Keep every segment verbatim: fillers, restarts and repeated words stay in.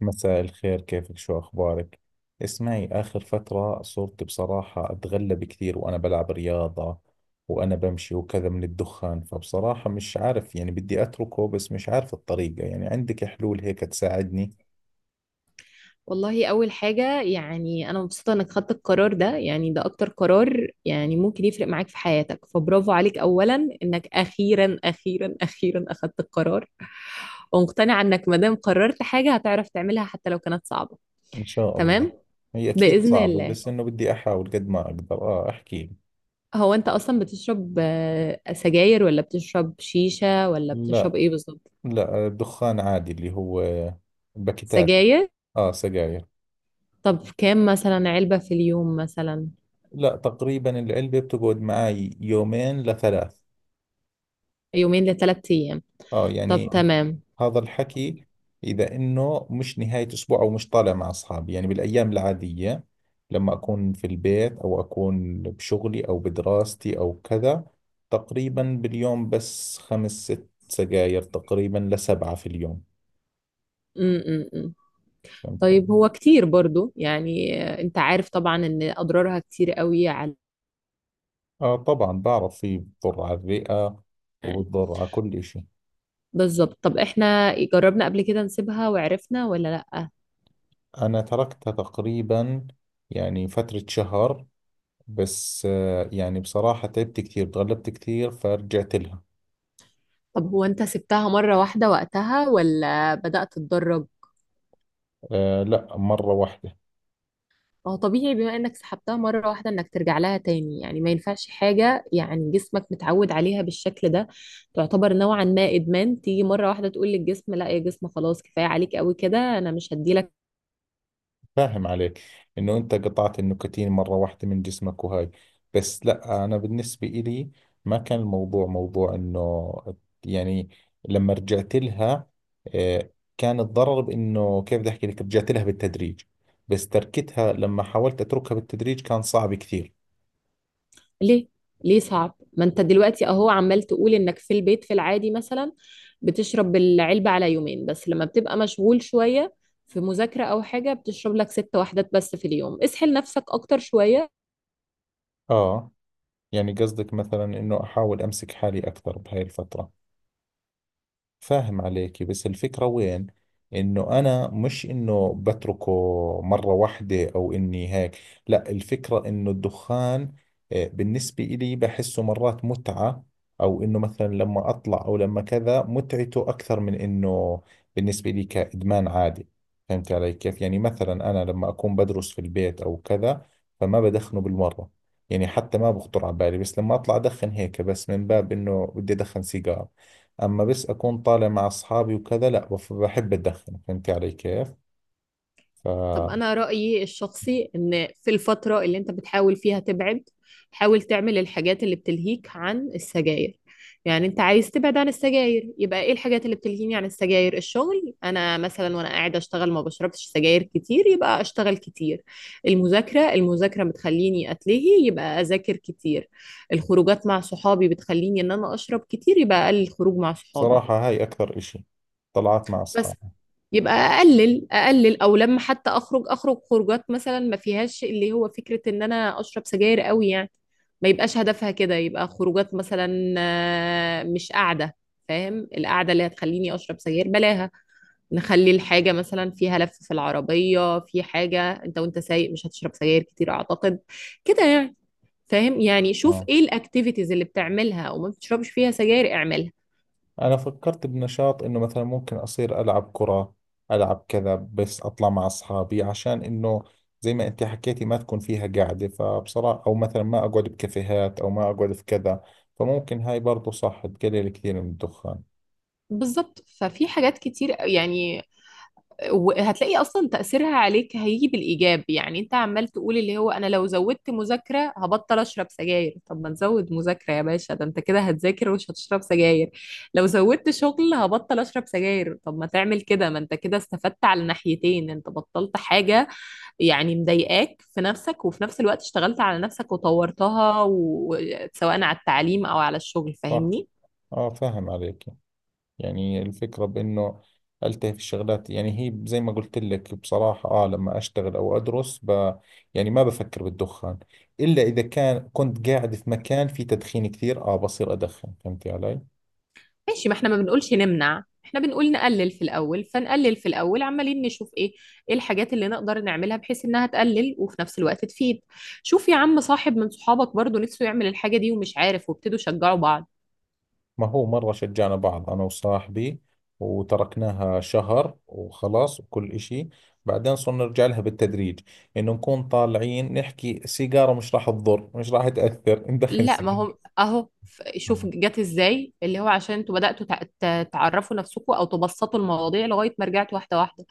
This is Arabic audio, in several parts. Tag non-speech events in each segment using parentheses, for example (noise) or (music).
مساء الخير، كيفك؟ شو أخبارك؟ اسمعي، آخر فترة صرت بصراحة أتغلب كثير وأنا بلعب رياضة وأنا بمشي وكذا من الدخان. فبصراحة مش عارف، يعني بدي أتركه بس مش عارف الطريقة. يعني عندك حلول هيك تساعدني؟ والله أول حاجة يعني أنا مبسوطة إنك خدت القرار ده. يعني ده أكتر قرار يعني ممكن يفرق معاك في حياتك، فبرافو عليك أولا إنك أخيرا أخيرا أخيرا أخدت القرار. ومقتنعة إنك مادام قررت حاجة هتعرف تعملها حتى لو كانت صعبة. إن شاء الله. تمام، هي أكيد بإذن صعبة الله. بس إنه بدي أحاول قد ما أقدر. آه احكي لي. هو أنت أصلا بتشرب آه، سجاير، ولا بتشرب شيشة، ولا لا. بتشرب إيه بالظبط؟ لا الدخان عادي اللي هو باكيتات. سجاير. آه، سجاير. طب كام مثلا علبة في اليوم مثلا؟ لا تقريبا العلبة بتقعد معي يومين لثلاث. يومين لثلاث أيام؟ اه طب يعني تمام. هذا الحكي، اذا انه مش نهاية اسبوع او مش طالع مع اصحابي، يعني بالايام العادية لما اكون في البيت او اكون بشغلي او بدراستي او كذا، تقريبا باليوم بس خمس ست سجاير تقريبا لسبعة في اليوم. م -م -م. فهمت. طيب هو كتير برضو يعني، آه، انت عارف طبعا ان اضرارها كتير قوي على. اه، طبعا بعرف، في بضر على الرئة وبضر على كل اشي. بالظبط. طب احنا جربنا قبل كده نسيبها وعرفنا ولا لا؟ انا تركتها تقريبا يعني فترة شهر، بس آه يعني بصراحة تعبت كثير، تغلبت كثير فرجعت لها. طب هو انت سبتها مرة واحدة وقتها، ولا بدأت تتدرب؟ آه لا، مرة واحدة. ما هو طبيعي، بما انك سحبتها مرة واحدة، انك ترجع لها تاني. يعني ما ينفعش حاجة، يعني جسمك متعود عليها بالشكل ده. تعتبر نوعا ما ادمان، تيجي مرة واحدة تقول للجسم لا يا جسم، خلاص كفاية عليك قوي كده، انا مش هديلك. فاهم عليك، إنه أنت قطعت النكتين مرة واحدة من جسمك وهاي. بس لا، أنا بالنسبة إلي ما كان الموضوع موضوع إنه، يعني لما رجعت لها آه كان الضرر بإنه كيف بدي أحكي لك، رجعت لها بالتدريج. بس تركتها لما حاولت أتركها بالتدريج كان صعب كثير. ليه؟ ليه صعب؟ ما انت دلوقتي اهو عمال تقول انك في البيت في العادي مثلا بتشرب العلبة على يومين، بس لما بتبقى مشغول شوية في مذاكرة او حاجة بتشرب لك ست وحدات بس في اليوم. اسحل نفسك اكتر شوية. آه، يعني قصدك مثلا إنه أحاول أمسك حالي أكثر بهاي الفترة. فاهم عليكي، بس الفكرة وين؟ انه انا مش انه بتركه مرة واحدة او اني هيك. لا، الفكرة انه الدخان آه، بالنسبة إلي بحسه مرات متعة، او انه مثلا لما اطلع او لما كذا متعته اكثر من انه بالنسبة لي كإدمان عادي. فهمت علي كيف؟ يعني مثلا انا لما اكون بدرس في البيت او كذا فما بدخنه بالمرة، يعني حتى ما بخطر على بالي. بس لما اطلع ادخن هيك بس من باب انه بدي ادخن سيجار. اما بس اكون طالع مع اصحابي وكذا، لا بف- بحب اتدخن. فهمتي علي كيف؟ طب فبصراحة، أنا رأيي الشخصي إن في الفترة اللي أنت بتحاول فيها تبعد، حاول تعمل الحاجات اللي بتلهيك عن السجاير. يعني أنت عايز تبعد عن السجاير، يبقى إيه الحاجات اللي بتلهيني عن السجاير؟ الشغل. أنا مثلا وأنا قاعدة أشتغل ما بشربش سجاير كتير، يبقى أشتغل كتير. المذاكرة المذاكرة بتخليني أتلهي، يبقى أذاكر كتير. الخروجات مع صحابي بتخليني إن أنا أشرب كتير، يبقى أقلل الخروج مع صحابي. هاي اكثر اشي، طلعت مع بس. اصحابي. يبقى اقلل اقلل، او لما حتى اخرج اخرج خروجات مثلا ما فيهاش اللي هو فكرة ان انا اشرب سجاير قوي يعني. ما يبقاش هدفها كده. يبقى خروجات مثلا، آه، مش قاعدة، فاهم؟ القعدة اللي هتخليني اشرب سجاير بلاها. نخلي الحاجة مثلا فيها لف في العربية، في حاجة انت وانت سايق مش هتشرب سجاير كتير اعتقد كده يعني. فاهم؟ يعني شوف اه، ايه الاكتيفيتيز اللي بتعملها وما بتشربش فيها سجاير، اعملها. انا فكرت بنشاط انه مثلا ممكن اصير العب كرة، العب كذا، بس اطلع مع اصحابي عشان انه، زي ما انت حكيتي، ما تكون فيها قاعدة. فبصراحة او مثلا ما اقعد بكافيهات او ما اقعد في كذا. فممكن هاي برضو صح تقلل كثير من الدخان. بالظبط. ففي حاجات كتير يعني. وهتلاقي اصلا تاثيرها عليك هيجي بالايجاب. يعني انت عمال تقول اللي هو انا لو زودت مذاكره هبطل اشرب سجاير، طب ما نزود مذاكره يا باشا، ده انت كده هتذاكر ومش هتشرب سجاير. لو زودت شغل هبطل اشرب سجاير، طب ما تعمل كده، ما انت كده استفدت على ناحيتين، انت بطلت حاجه يعني مضايقاك في نفسك، وفي نفس الوقت اشتغلت على نفسك وطورتها و- سواء على التعليم او على الشغل. صح. فاهمني؟ اه، فاهم عليك. يعني الفكرة بإنه ألتهي في الشغلات، يعني هي زي ما قلت لك بصراحة، آه لما أشتغل أو أدرس ب يعني ما بفكر بالدخان، إلا إذا كان كنت قاعد في مكان فيه تدخين كثير آه بصير أدخن. فهمتي علي؟ ماشي، ما احنا ما بنقولش نمنع، احنا بنقول نقلل في الاول. فنقلل في الاول، عمالين نشوف ايه، ايه الحاجات اللي نقدر نعملها بحيث انها تقلل وفي نفس الوقت تفيد. شوف يا عم، صاحب من صحابك برضو نفسه يعمل الحاجة دي ومش عارف، وابتدوا شجعوا بعض. ما هو مرة شجعنا بعض أنا وصاحبي، وتركناها شهر وخلاص وكل إشي. بعدين صرنا نرجع لها بالتدريج، إنه نكون طالعين نحكي سيجارة مش راح تضر، مش راح تأثر، ندخن لا ما هو سيجارة. اهو، ف- شوف جت ازاي، اللي هو عشان انتوا بدأتوا تع- ت- تعرفوا نفسكم، او تبسطوا المواضيع لغاية ما رجعتوا واحدة واحدة.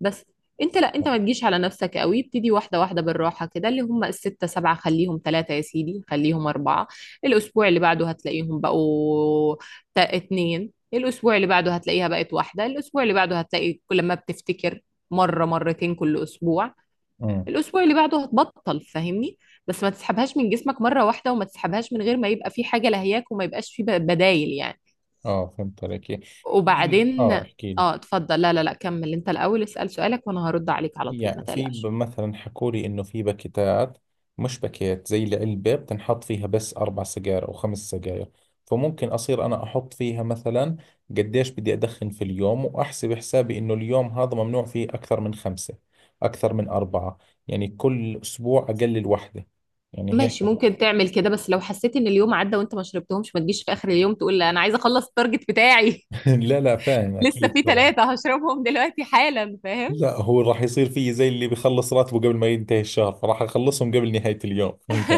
بس. انت لا، انت ما تجيش على نفسك قوي، ابتدي واحدة واحدة بالراحة كده. اللي هم الستة سبعة خليهم ثلاثة يا سيدي، خليهم أربعة. الأسبوع اللي بعده هتلاقيهم بقوا تا- اتنين، الأسبوع اللي بعده هتلاقيها بقت واحدة، الأسبوع اللي بعده هتلاقي كل ما بتفتكر مرة مرتين كل أسبوع. آه. الاسبوع اللي بعده هتبطل. فاهمني؟ بس ما تسحبهاش من جسمك مره واحده، وما تسحبهاش من غير ما يبقى في حاجه لهياك، وما يبقاش في ب- بدايل يعني. اه، فهمت عليك. يعني في، وبعدين. اه احكي لي. اه اتفضل. لا لا لا، كمل انت الاول، اسال سؤالك وانا هرد عليك على طول، ما يعني في ب- تقلقش. مثلا حكوا لي انه في باكيتات، مش باكيت زي العلبة بتنحط فيها بس اربع سجاير او خمس سجاير. فممكن اصير انا احط فيها مثلا قديش بدي ادخن في اليوم، واحسب حسابي انه اليوم هذا ممنوع فيه اكثر من خمسة، اكثر من اربعة. يعني كل اسبوع اقلل واحدة، يعني هيك. ماشي، ممكن تعمل كده. بس لو حسيت ان اليوم عدى وانت ما شربتهمش، ما تجيش في اخر اليوم تقول لا انا عايزه اخلص التارجت بتاعي. (laughs) (laughs) لا لا، فاهم لسه اكيد في طبعا. ثلاثه هشربهم دلوقتي حالا، فاهم؟ لا، هو راح يصير فيه زي اللي بيخلص راتبه قبل ما ينتهي الشهر، فراح اخلصهم قبل نهاية اليوم. (laughs) فهمت.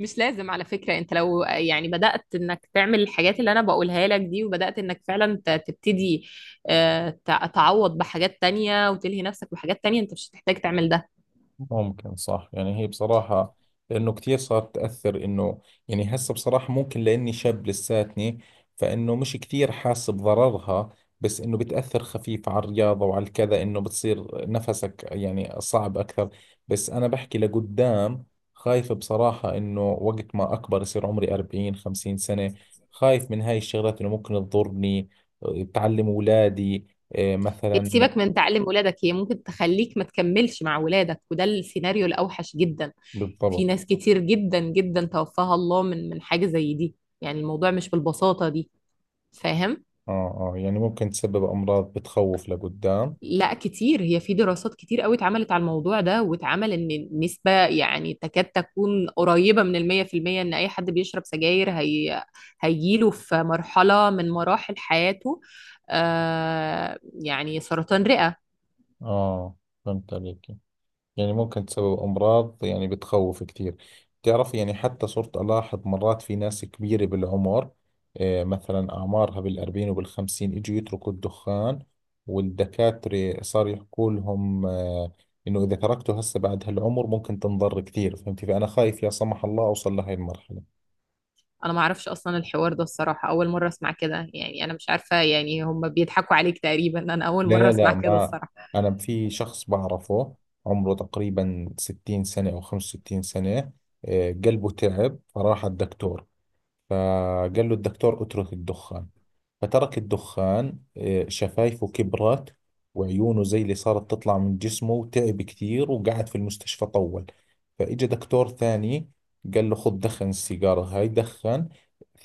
مش لازم على فكرة. انت لو يعني بدأت انك تعمل الحاجات اللي انا بقولها لك دي، وبدأت انك فعلا ت- تبتدي آه، ت- تعوض بحاجات تانية وتلهي نفسك بحاجات تانية، انت مش هتحتاج تعمل ده. ممكن، صح. يعني هي بصراحة لأنه كثير صارت تأثر إنه، يعني هسه بصراحة ممكن لأني شاب لساتني، فإنه مش كثير حاسس بضررها. بس إنه بتأثر خفيف على الرياضة وعلى الكذا، إنه بتصير نفسك يعني صعب أكثر. بس أنا بحكي لقدام، خايف بصراحة إنه وقت ما أكبر، يصير عمري أربعين خمسين سنة، خايف من هاي الشغلات إنه ممكن تضرني، تعلم أولادي، إيه، هي مثلا. سيبك من تعلم ولادك، هي ممكن تخليك ما تكملش مع ولادك، وده السيناريو الاوحش جدا. في بالضبط. ناس كتير جدا جدا توفاها الله من من حاجة زي دي. يعني الموضوع مش بالبساطة دي، فاهم؟ اه اه، يعني ممكن تسبب امراض بتخوف لقدام. لا كتير، هي في دراسات كتير قوي اتعملت على الموضوع ده، واتعمل ان النسبة يعني تكاد تكون قريبة من المية في المية ان اي حد بيشرب سجاير هي هيجيله في مرحلة من مراحل حياته. آه، يعني سرطان رئة. اه، فهمت عليك. يعني ممكن تسبب امراض، يعني بتخوف كثير. بتعرف، يعني حتى صرت الاحظ مرات في ناس كبيرة بالعمر، آه مثلا اعمارها بالاربعين وبالخمسين اجوا يتركوا الدخان. والدكاترة صار يحكوا لهم آه انه اذا تركته هسه بعد هالعمر ممكن تنضر كثير. فهمتي؟ فانا خايف لا سمح الله اوصل لهي المرحلة. انا ما اعرفش اصلا الحوار ده الصراحة، اول مرة اسمع كده. يعني انا مش عارفة يعني، هم بيضحكوا عليك تقريبا، انا اول لا مرة لا اسمع لا. كده ما الصراحة. أنا في شخص بعرفه عمره تقريبا ستين سنة أو خمس وستين سنة. آه، قلبه تعب فراح الدكتور، فقال له الدكتور اترك الدخان، فترك الدخان. آه، شفايفه كبرت وعيونه زي اللي صارت تطلع من جسمه، وتعب كثير وقعد في المستشفى طول. فإجا دكتور ثاني قال له خذ دخن السيجارة هاي، دخن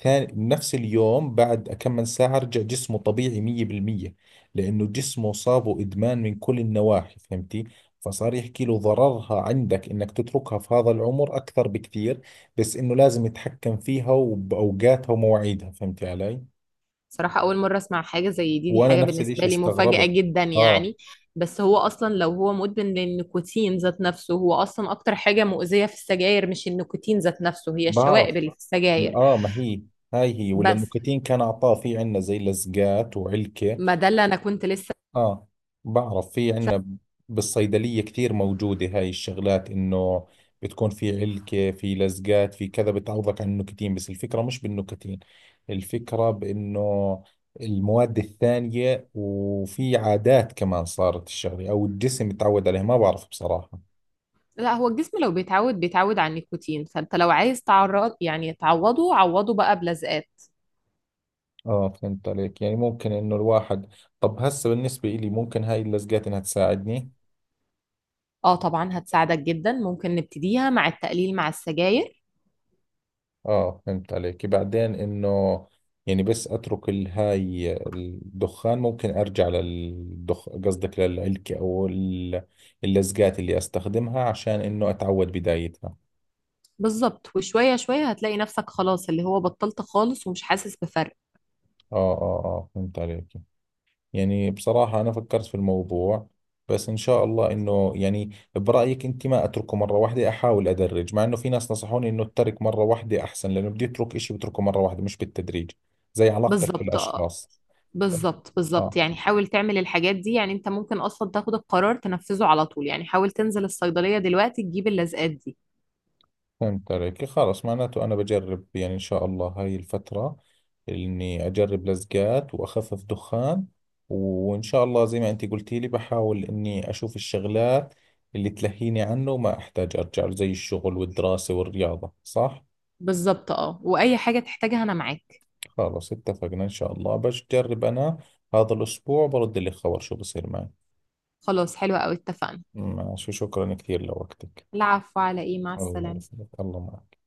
ثاني. نفس اليوم بعد كم من ساعة رجع جسمه طبيعي مية بالمية، لأنه جسمه صابه إدمان من كل النواحي. فهمتي؟ فصار يحكي له ضررها عندك إنك تتركها في هذا العمر أكثر بكثير، بس إنه لازم يتحكم فيها وبأوقاتها ومواعيدها. فهمتي علي؟ صراحة أول مرة أسمع حاجة زي دي، دي وانا حاجة نفس الاشي بالنسبة لي مفاجأة استغربت. جدا اه، يعني. بس هو أصلا لو هو مدمن للنيكوتين ذات نفسه، هو أصلا أكتر حاجة مؤذية في السجاير مش النيكوتين ذات نفسه، هي بعرف. الشوائب اللي في لا، السجاير. اه ما هي هاي هي، ولا بس. النكتين كان اعطاه في عندنا زي لزقات وعلكة. ما ده اللي أنا كنت لسه. اه، بعرف، في عندنا بالصيدلية كثير موجودة هاي الشغلات، انه بتكون في علكة، في لزقات، في كذا، بتعوضك عن النكتين. بس الفكرة مش بالنكتين، الفكرة بانه المواد الثانية، وفي عادات كمان صارت الشغلة او الجسم يتعود عليها، ما بعرف بصراحة. لا هو الجسم لو بيتعود بيتعود على النيكوتين، فأنت لو عايز تعرض يعني تعوضه، عوضه بقى بلزقات. اه، فهمت عليك. يعني ممكن انه الواحد، طب هسه بالنسبة إلي ممكن هاي اللزقات انها تساعدني؟ اه طبعا هتساعدك جدا، ممكن نبتديها مع التقليل مع السجاير. اه، فهمت عليك. بعدين انه يعني بس اترك ال- هاي الدخان، ممكن ارجع للدخ قصدك للعلكة او ال- اللزقات اللي استخدمها عشان انه اتعود بدايتها. بالظبط، وشوية شوية هتلاقي نفسك خلاص اللي هو بطلت خالص ومش حاسس بفرق. اه اه اه، فهمت عليك. يعني بصراحة أنا فكرت في الموضوع، بس إن شاء الله إنه، يعني برأيك أنت ما أتركه مرة واحدة، أحاول أدرج، مع إنه في ناس نصحوني إنه أترك مرة واحدة أحسن، لأنه بدي أترك إشي بتركه مرة واحدة مش بالتدريج، زي علاقتك بالظبط. آه، بالأشخاص. بالظبط آه، بالظبط يعني حاول تعمل الحاجات دي. يعني انت ممكن اصلا تاخد القرار تنفذه على طول، يعني حاول تنزل الصيدلية دلوقتي تجيب اللزقات دي. فهمت عليك، خلاص. معناته أنا بجرب، يعني إن شاء الله هاي الفترة إني أجرب لزقات وأخفف دخان. وإن شاء الله زي ما أنت قلتي لي، بحاول إني أشوف الشغلات اللي تلهيني عنه وما أحتاج أرجع له، زي الشغل والدراسة والرياضة، صح؟ بالظبط، اه. واي حاجة تحتاجها انا معاك. خلاص اتفقنا. إن شاء الله بجرب أنا هذا الأسبوع، برد لك خبر شو بصير معي. خلاص حلوة قوي، اتفقنا. ماشي، شكرا كثير لوقتك. العفو، على ايه، مع الله السلامة. يسلمك، الله معك.